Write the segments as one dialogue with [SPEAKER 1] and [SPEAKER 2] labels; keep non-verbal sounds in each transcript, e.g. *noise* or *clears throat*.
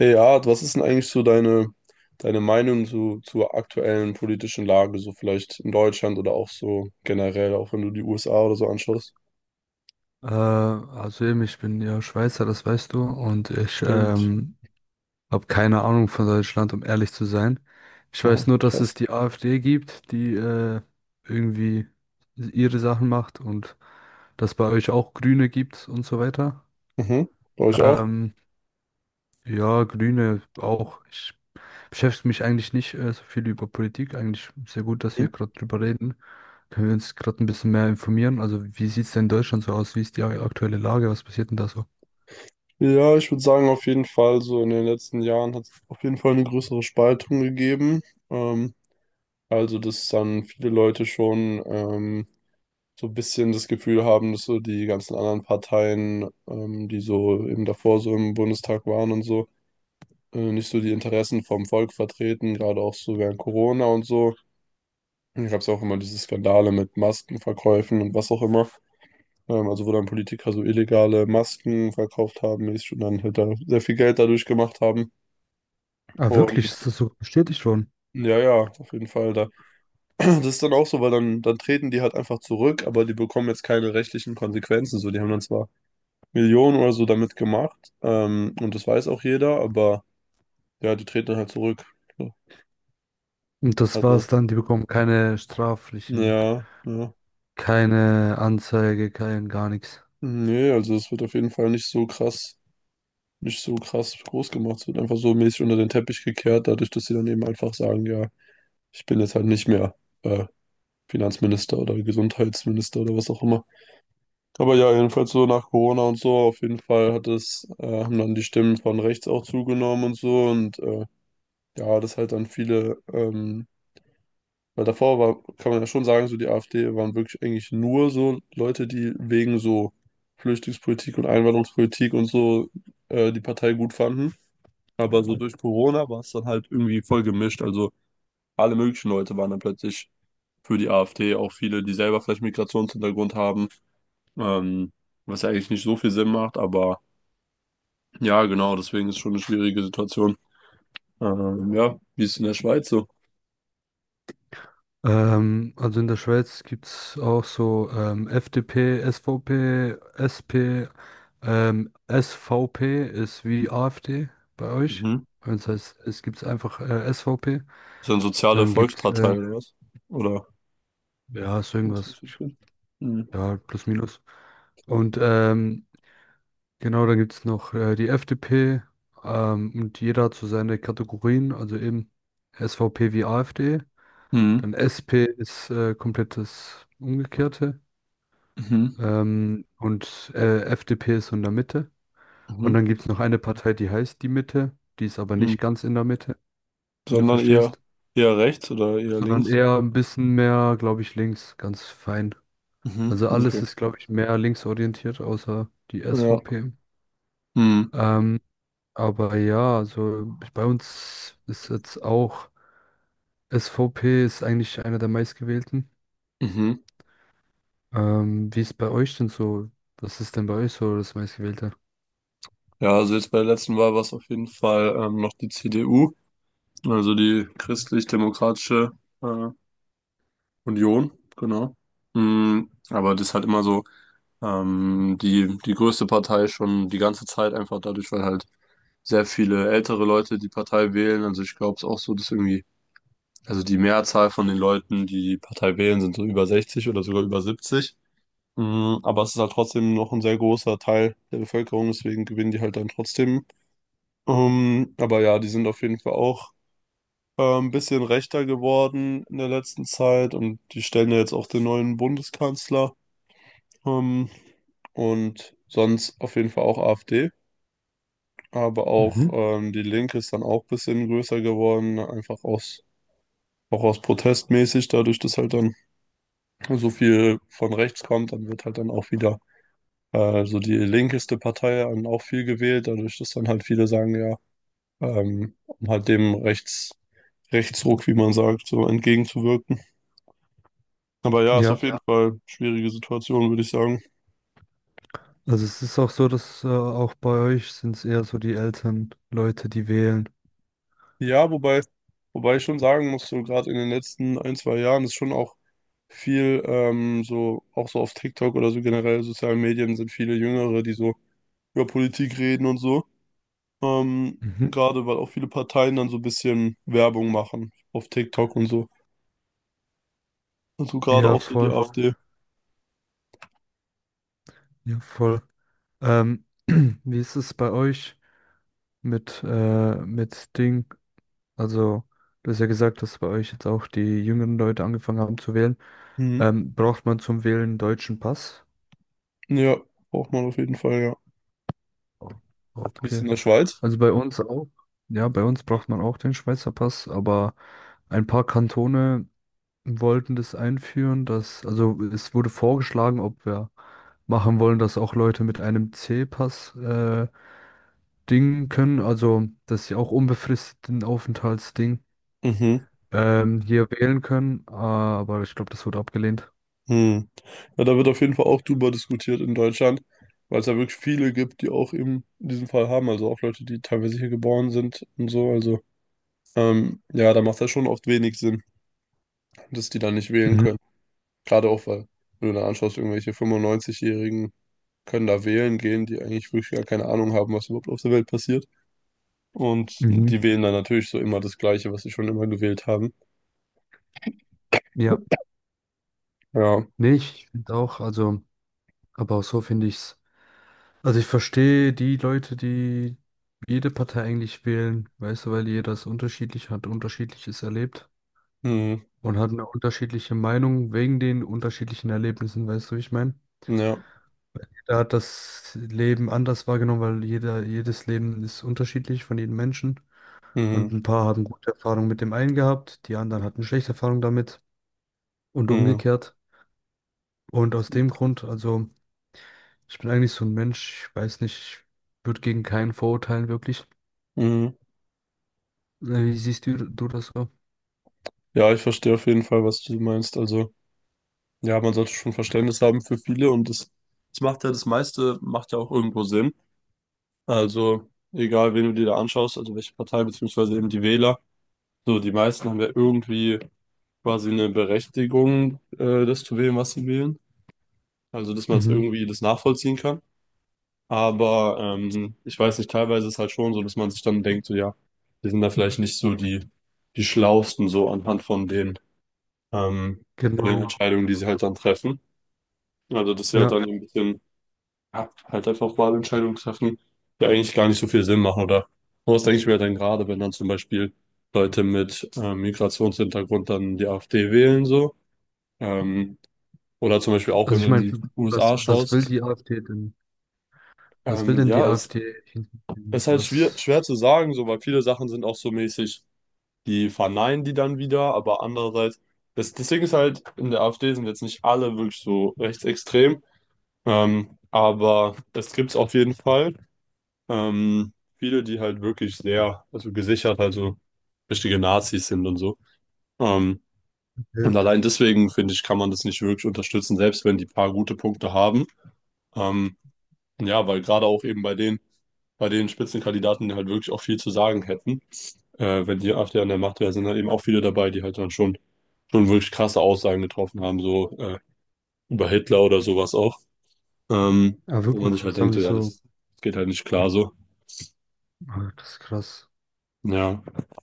[SPEAKER 1] Ja, was ist denn eigentlich so deine Meinung so, zur aktuellen politischen Lage, so vielleicht in Deutschland oder auch so generell, auch wenn du die USA oder so anschaust?
[SPEAKER 2] Also eben, ich bin ja Schweizer, das weißt du, und ich
[SPEAKER 1] Stimmt.
[SPEAKER 2] ähm, habe keine Ahnung von Deutschland, um ehrlich zu sein. Ich
[SPEAKER 1] Aha,
[SPEAKER 2] weiß nur, dass es
[SPEAKER 1] krass.
[SPEAKER 2] die AfD gibt, die irgendwie ihre Sachen macht und dass bei euch auch Grüne gibt und so weiter.
[SPEAKER 1] Mhm. Bei euch auch?
[SPEAKER 2] Ähm, ja, Grüne auch. Ich beschäftige mich eigentlich nicht so viel über Politik. Eigentlich sehr gut, dass wir
[SPEAKER 1] Mhm.
[SPEAKER 2] gerade drüber reden. Können wir uns gerade ein bisschen mehr informieren? Also, wie sieht es denn in Deutschland so aus? Wie ist die aktuelle Lage? Was passiert denn da so?
[SPEAKER 1] Ja, ich würde sagen, auf jeden Fall, so in den letzten Jahren hat es auf jeden Fall eine größere Spaltung gegeben. Ähm, also, dass dann viele Leute schon so ein bisschen das Gefühl haben, dass so die ganzen anderen Parteien, die so eben davor so im Bundestag waren und so, nicht so die Interessen vom Volk vertreten, gerade auch so während Corona und so. Dann gab es auch immer diese Skandale mit Maskenverkäufen und was auch immer. Also wo dann Politiker so illegale Masken verkauft haben, mäßig und dann halt da sehr viel Geld dadurch gemacht haben.
[SPEAKER 2] Ah, wirklich, ist
[SPEAKER 1] Und
[SPEAKER 2] das so bestätigt worden?
[SPEAKER 1] ja, ja, auf jeden Fall da. *clears throat* Das ist dann auch so, weil dann treten die halt einfach zurück, aber die bekommen jetzt keine rechtlichen Konsequenzen. So, die haben dann zwar Millionen oder so damit gemacht, und das weiß auch jeder, aber ja, die treten dann halt zurück. So,
[SPEAKER 2] Und das
[SPEAKER 1] Also,
[SPEAKER 2] war's dann, die bekommen keine straflichen,
[SPEAKER 1] ja, ja.
[SPEAKER 2] keine Anzeige, kein gar nichts.
[SPEAKER 1] Nee, also es wird auf jeden Fall nicht so krass, nicht so krass groß gemacht. Es wird einfach so mäßig unter den Teppich gekehrt, dadurch, dass sie dann eben einfach sagen, ja, ich bin jetzt halt nicht mehr äh, Finanzminister oder Gesundheitsminister oder was auch immer. Aber ja, jedenfalls so nach Corona und so, auf jeden Fall hat es, haben dann die Stimmen von rechts auch zugenommen und so und ja, dass halt dann viele weil davor war, kann man ja schon sagen, so die AfD waren wirklich eigentlich nur so Leute, die wegen so Flüchtlingspolitik und Einwanderungspolitik und so die Partei gut fanden. Aber so durch Corona war es dann halt irgendwie voll gemischt. Also alle möglichen Leute waren dann plötzlich für die AfD, auch viele, die selber vielleicht Migrationshintergrund haben, ähm, was ja eigentlich nicht so viel Sinn macht. Aber ja, genau, deswegen ist schon eine schwierige Situation. Ja, wie ist es in der Schweiz so?
[SPEAKER 2] Also in der Schweiz gibt's auch so FDP, SVP, SP, SVP ist wie AfD bei euch.
[SPEAKER 1] Mhm.
[SPEAKER 2] Bei uns heißt es gibt's einfach SVP.
[SPEAKER 1] Ist das eine soziale
[SPEAKER 2] Dann gibt's äh,
[SPEAKER 1] Volkspartei oder was? Oder?
[SPEAKER 2] ja, ist
[SPEAKER 1] Das
[SPEAKER 2] irgendwas,
[SPEAKER 1] ist richtig. Mhm.
[SPEAKER 2] ja, plus minus. Und ähm, Genau, dann gibt es noch die FDP und jeder hat so seine Kategorien, also eben SVP wie AfD.
[SPEAKER 1] Mhm.
[SPEAKER 2] Dann SP ist komplett das Umgekehrte
[SPEAKER 1] Mhm.
[SPEAKER 2] ähm, und äh, FDP ist so in der Mitte. Und
[SPEAKER 1] Mhm.
[SPEAKER 2] dann gibt es noch eine Partei, die heißt die Mitte, die ist aber
[SPEAKER 1] Mhm.
[SPEAKER 2] nicht ganz in der Mitte, wenn du
[SPEAKER 1] Sondern eher
[SPEAKER 2] verstehst,
[SPEAKER 1] eher rechts oder eher
[SPEAKER 2] sondern
[SPEAKER 1] links.
[SPEAKER 2] eher ein bisschen mehr, glaube ich, links, ganz fein.
[SPEAKER 1] Mhm.
[SPEAKER 2] Also
[SPEAKER 1] Okay.
[SPEAKER 2] alles ist, glaube ich, mehr linksorientiert, außer die
[SPEAKER 1] Ja.
[SPEAKER 2] SVP.
[SPEAKER 1] Mhm.
[SPEAKER 2] Ähm, Aber ja, also bei uns ist jetzt auch, SVP ist eigentlich einer der meistgewählten.
[SPEAKER 1] Mhm.
[SPEAKER 2] Wie ist bei euch denn so? Was ist denn bei euch so das meistgewählte?
[SPEAKER 1] Ja, also jetzt bei der letzten Wahl war es auf jeden Fall noch die CDU, also die Christlich-Demokratische äh, Union, genau. Mhm. Aber das ist halt immer so die, die größte Partei schon die ganze Zeit, einfach dadurch, weil halt sehr viele ältere Leute die Partei wählen. Also ich glaube es auch so, dass irgendwie also die Mehrzahl von den Leuten, die die Partei wählen, sind so über 60 oder sogar über 70. Mm, aber es ist halt trotzdem noch ein sehr großer Teil der Bevölkerung, deswegen gewinnen die halt dann trotzdem. Aber ja, die sind auf jeden Fall auch ein bisschen rechter geworden in der letzten Zeit und die stellen ja jetzt auch den neuen Bundeskanzler. Ähm, und sonst auf jeden Fall auch AfD. Aber auch
[SPEAKER 2] Mhm.
[SPEAKER 1] die Linke ist dann auch ein bisschen größer geworden, einfach aus, auch aus protestmäßig, dadurch, dass halt dann so viel von rechts kommt, dann wird halt dann auch wieder so die linkeste Partei dann auch viel gewählt, dadurch, dass dann halt viele sagen, ja, um halt dem Rechts, Rechtsruck, wie man sagt, so entgegenzuwirken. Aber ja, ist
[SPEAKER 2] Ja,
[SPEAKER 1] auf jeden Ja. Fall schwierige Situation, würde ich sagen.
[SPEAKER 2] also es ist auch so, dass auch bei euch sind es eher so die älteren Leute, die wählen.
[SPEAKER 1] Ja, wobei, wobei ich schon sagen muss, so gerade in den letzten ein, zwei Jahren ist schon auch viel, so, auch so auf TikTok oder so generell sozialen Medien sind viele Jüngere, die so über Politik reden und so.
[SPEAKER 2] Mhm.
[SPEAKER 1] Gerade weil auch viele Parteien dann so ein bisschen Werbung machen auf TikTok und so. Also gerade
[SPEAKER 2] Ja,
[SPEAKER 1] auch so die Ja.
[SPEAKER 2] voll.
[SPEAKER 1] AfD.
[SPEAKER 2] Ja, voll. Ähm, *clears throat* wie ist es bei euch mit, mit Ding? Also, du hast ja gesagt, dass bei euch jetzt auch die jüngeren Leute angefangen haben zu wählen.
[SPEAKER 1] Mhm.
[SPEAKER 2] Braucht man zum Wählen einen deutschen Pass?
[SPEAKER 1] Ja, braucht man auf jeden Fall, ja.
[SPEAKER 2] O-
[SPEAKER 1] Du bist in
[SPEAKER 2] Okay.
[SPEAKER 1] der Schweiz?
[SPEAKER 2] Also bei uns auch. Ja, bei uns braucht man auch den Schweizer Pass, aber ein paar Kantone wollten das einführen, dass, also es wurde vorgeschlagen, ob wir machen wollen, dass auch Leute mit einem C-Pass dingen können, also dass sie auch unbefristeten Aufenthaltsding
[SPEAKER 1] Mhm.
[SPEAKER 2] ähm, hier wählen können, aber ich glaube, das wurde abgelehnt.
[SPEAKER 1] Mhm. Ja, da wird auf jeden Fall auch drüber diskutiert in Deutschland, weil es ja wirklich viele gibt, die auch eben diesen Fall haben. Also auch Leute, die teilweise hier geboren sind und so. Also ja, da macht das schon oft wenig Sinn, dass die dann nicht wählen können.
[SPEAKER 2] Mhm,
[SPEAKER 1] Gerade auch, weil, wenn du da anschaust, irgendwelche 95-Jährigen können da wählen gehen, die eigentlich wirklich gar keine Ahnung haben, was überhaupt auf der Welt passiert. Und
[SPEAKER 2] mhm.
[SPEAKER 1] die wählen dann natürlich so immer das Gleiche, was sie schon immer gewählt haben.
[SPEAKER 2] Ja,
[SPEAKER 1] Ja.
[SPEAKER 2] nee, ich finde auch, also, aber auch so finde ich's. Also ich verstehe die Leute, die jede Partei eigentlich wählen, weißt du, weil jeder es unterschiedlich hat, unterschiedliches erlebt
[SPEAKER 1] Mhm.
[SPEAKER 2] und hat eine unterschiedliche Meinung wegen den unterschiedlichen Erlebnissen, weißt du, wie ich meine?
[SPEAKER 1] Ja.
[SPEAKER 2] Jeder hat das Leben anders wahrgenommen, weil jeder, jedes Leben ist unterschiedlich von jedem Menschen. Und
[SPEAKER 1] Mhm.
[SPEAKER 2] ein paar haben gute Erfahrungen mit dem einen gehabt, die anderen hatten schlechte Erfahrungen damit und
[SPEAKER 1] Mhm.
[SPEAKER 2] umgekehrt. Und aus dem Grund, also. Ich bin eigentlich so ein Mensch, ich weiß nicht, ich würde gegen keinen verurteilen, wirklich.
[SPEAKER 1] Mhm.
[SPEAKER 2] Wie siehst du das so?
[SPEAKER 1] Ja, ich verstehe auf jeden Fall, was du meinst. Also, ja, man sollte schon Verständnis haben für viele und das, das macht ja das meiste, macht ja auch irgendwo Sinn. Also, egal, wen du dir da anschaust, also welche Partei, beziehungsweise eben die Wähler, so die meisten haben ja irgendwie quasi eine Berechtigung, das zu wählen, was sie wählen. Also, dass man es
[SPEAKER 2] Mhm.
[SPEAKER 1] irgendwie das nachvollziehen kann. Aber ich weiß nicht, teilweise ist es halt schon so, dass man sich dann denkt, so ja, die sind da vielleicht nicht so die, die Schlausten so anhand ähm, von den
[SPEAKER 2] Genau.
[SPEAKER 1] Entscheidungen, die sie halt dann treffen. Also, dass sie halt
[SPEAKER 2] Ja.
[SPEAKER 1] dann so ein bisschen ja, halt einfach Wahlentscheidungen treffen, die eigentlich gar nicht so viel Sinn machen. Oder was denke ich mir dann gerade, wenn dann zum Beispiel Leute mit Migrationshintergrund dann die AfD wählen, so. Ähm, Oder zum Beispiel auch,
[SPEAKER 2] Also
[SPEAKER 1] wenn
[SPEAKER 2] ich
[SPEAKER 1] du in
[SPEAKER 2] meine,
[SPEAKER 1] die
[SPEAKER 2] was,
[SPEAKER 1] USA
[SPEAKER 2] was will
[SPEAKER 1] schaust.
[SPEAKER 2] die AfD denn? Was will denn die
[SPEAKER 1] Ja, es
[SPEAKER 2] AfD? Hinten?
[SPEAKER 1] ist halt schwer,
[SPEAKER 2] Was?
[SPEAKER 1] schwer zu sagen, so, weil viele Sachen sind auch so mäßig, die verneinen die dann wieder, aber andererseits, das, das Ding ist halt, in der AfD sind jetzt nicht alle wirklich so rechtsextrem, aber es gibt's auf jeden Fall. Viele, die halt wirklich sehr, also gesichert, also richtige Nazis sind und so. Ähm, und
[SPEAKER 2] Okay.
[SPEAKER 1] allein deswegen, finde ich, kann man das nicht wirklich unterstützen, selbst wenn die paar gute Punkte haben. Ähm, ja, weil gerade auch eben bei denen, bei den Spitzenkandidaten die halt wirklich auch viel zu sagen hätten. Wenn die AfD an der Macht wäre, sind halt eben auch viele dabei, die halt dann schon, schon wirklich krasse Aussagen getroffen haben, so über Hitler oder sowas auch. Ähm,
[SPEAKER 2] Ah,
[SPEAKER 1] wo man
[SPEAKER 2] wirklich,
[SPEAKER 1] sich halt
[SPEAKER 2] was haben
[SPEAKER 1] denkt,
[SPEAKER 2] die
[SPEAKER 1] so, ja,
[SPEAKER 2] so?
[SPEAKER 1] das, das geht halt nicht klar so.
[SPEAKER 2] Ah, das ist krass.
[SPEAKER 1] Ja,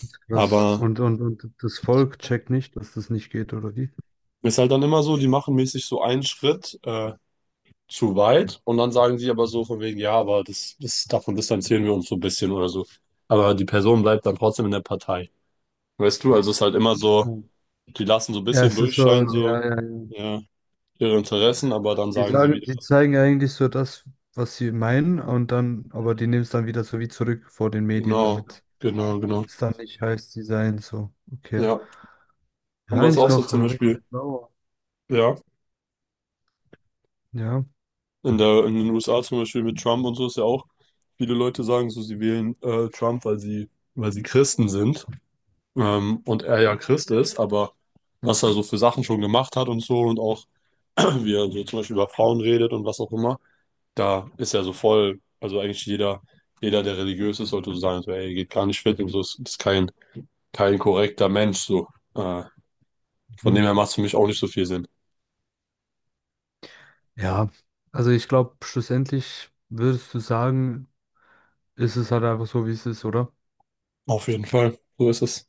[SPEAKER 2] Das ist krass.
[SPEAKER 1] aber
[SPEAKER 2] Und das Volk checkt nicht, dass das nicht geht, oder wie?
[SPEAKER 1] ist halt dann immer so, die machen mäßig so einen Schritt zu weit und dann sagen sie aber so von wegen, ja, aber das, das, davon distanzieren wir uns so ein bisschen oder so. Aber die Person bleibt dann trotzdem in der Partei. Weißt du, also es ist halt immer so,
[SPEAKER 2] Ja,
[SPEAKER 1] die lassen so ein
[SPEAKER 2] ja,
[SPEAKER 1] bisschen
[SPEAKER 2] es ist so,
[SPEAKER 1] durchscheinen, so,
[SPEAKER 2] ja, ja, ja.
[SPEAKER 1] ja, ihre Interessen, aber dann
[SPEAKER 2] Die
[SPEAKER 1] sagen sie
[SPEAKER 2] sagen,
[SPEAKER 1] wieder.
[SPEAKER 2] die zeigen eigentlich so das, was sie meinen, und dann, aber die nehmen es dann wieder so wie zurück vor den Medien
[SPEAKER 1] Genau,
[SPEAKER 2] damit.
[SPEAKER 1] genau, genau.
[SPEAKER 2] Ist dann nicht heiß Design so. Okay.
[SPEAKER 1] Ja. Und
[SPEAKER 2] Ja,
[SPEAKER 1] was
[SPEAKER 2] eigentlich
[SPEAKER 1] auch so
[SPEAKER 2] noch
[SPEAKER 1] zum
[SPEAKER 2] recht
[SPEAKER 1] Beispiel,
[SPEAKER 2] blau.
[SPEAKER 1] ja,
[SPEAKER 2] Ja.
[SPEAKER 1] in der, in den USA zum Beispiel mit Trump und so ist ja auch, viele Leute sagen so, sie wählen Trump, weil sie Christen sind. Und er ja Christ ist, aber was er so für Sachen schon gemacht hat und so und auch, *clears throat* wie er so zum Beispiel über Frauen redet und was auch immer, da ist ja so voll, also eigentlich jeder, jeder, der religiös ist, sollte so sagen, so, ey, geht gar nicht fit und so, ist kein kein korrekter Mensch, so. Äh, von
[SPEAKER 2] Mhm.
[SPEAKER 1] dem her macht es für mich auch nicht so viel Sinn.
[SPEAKER 2] Ja. Also ich glaube, schlussendlich würdest du sagen, ist es halt einfach so, wie es ist, oder?
[SPEAKER 1] Auf jeden Fall. So ist es.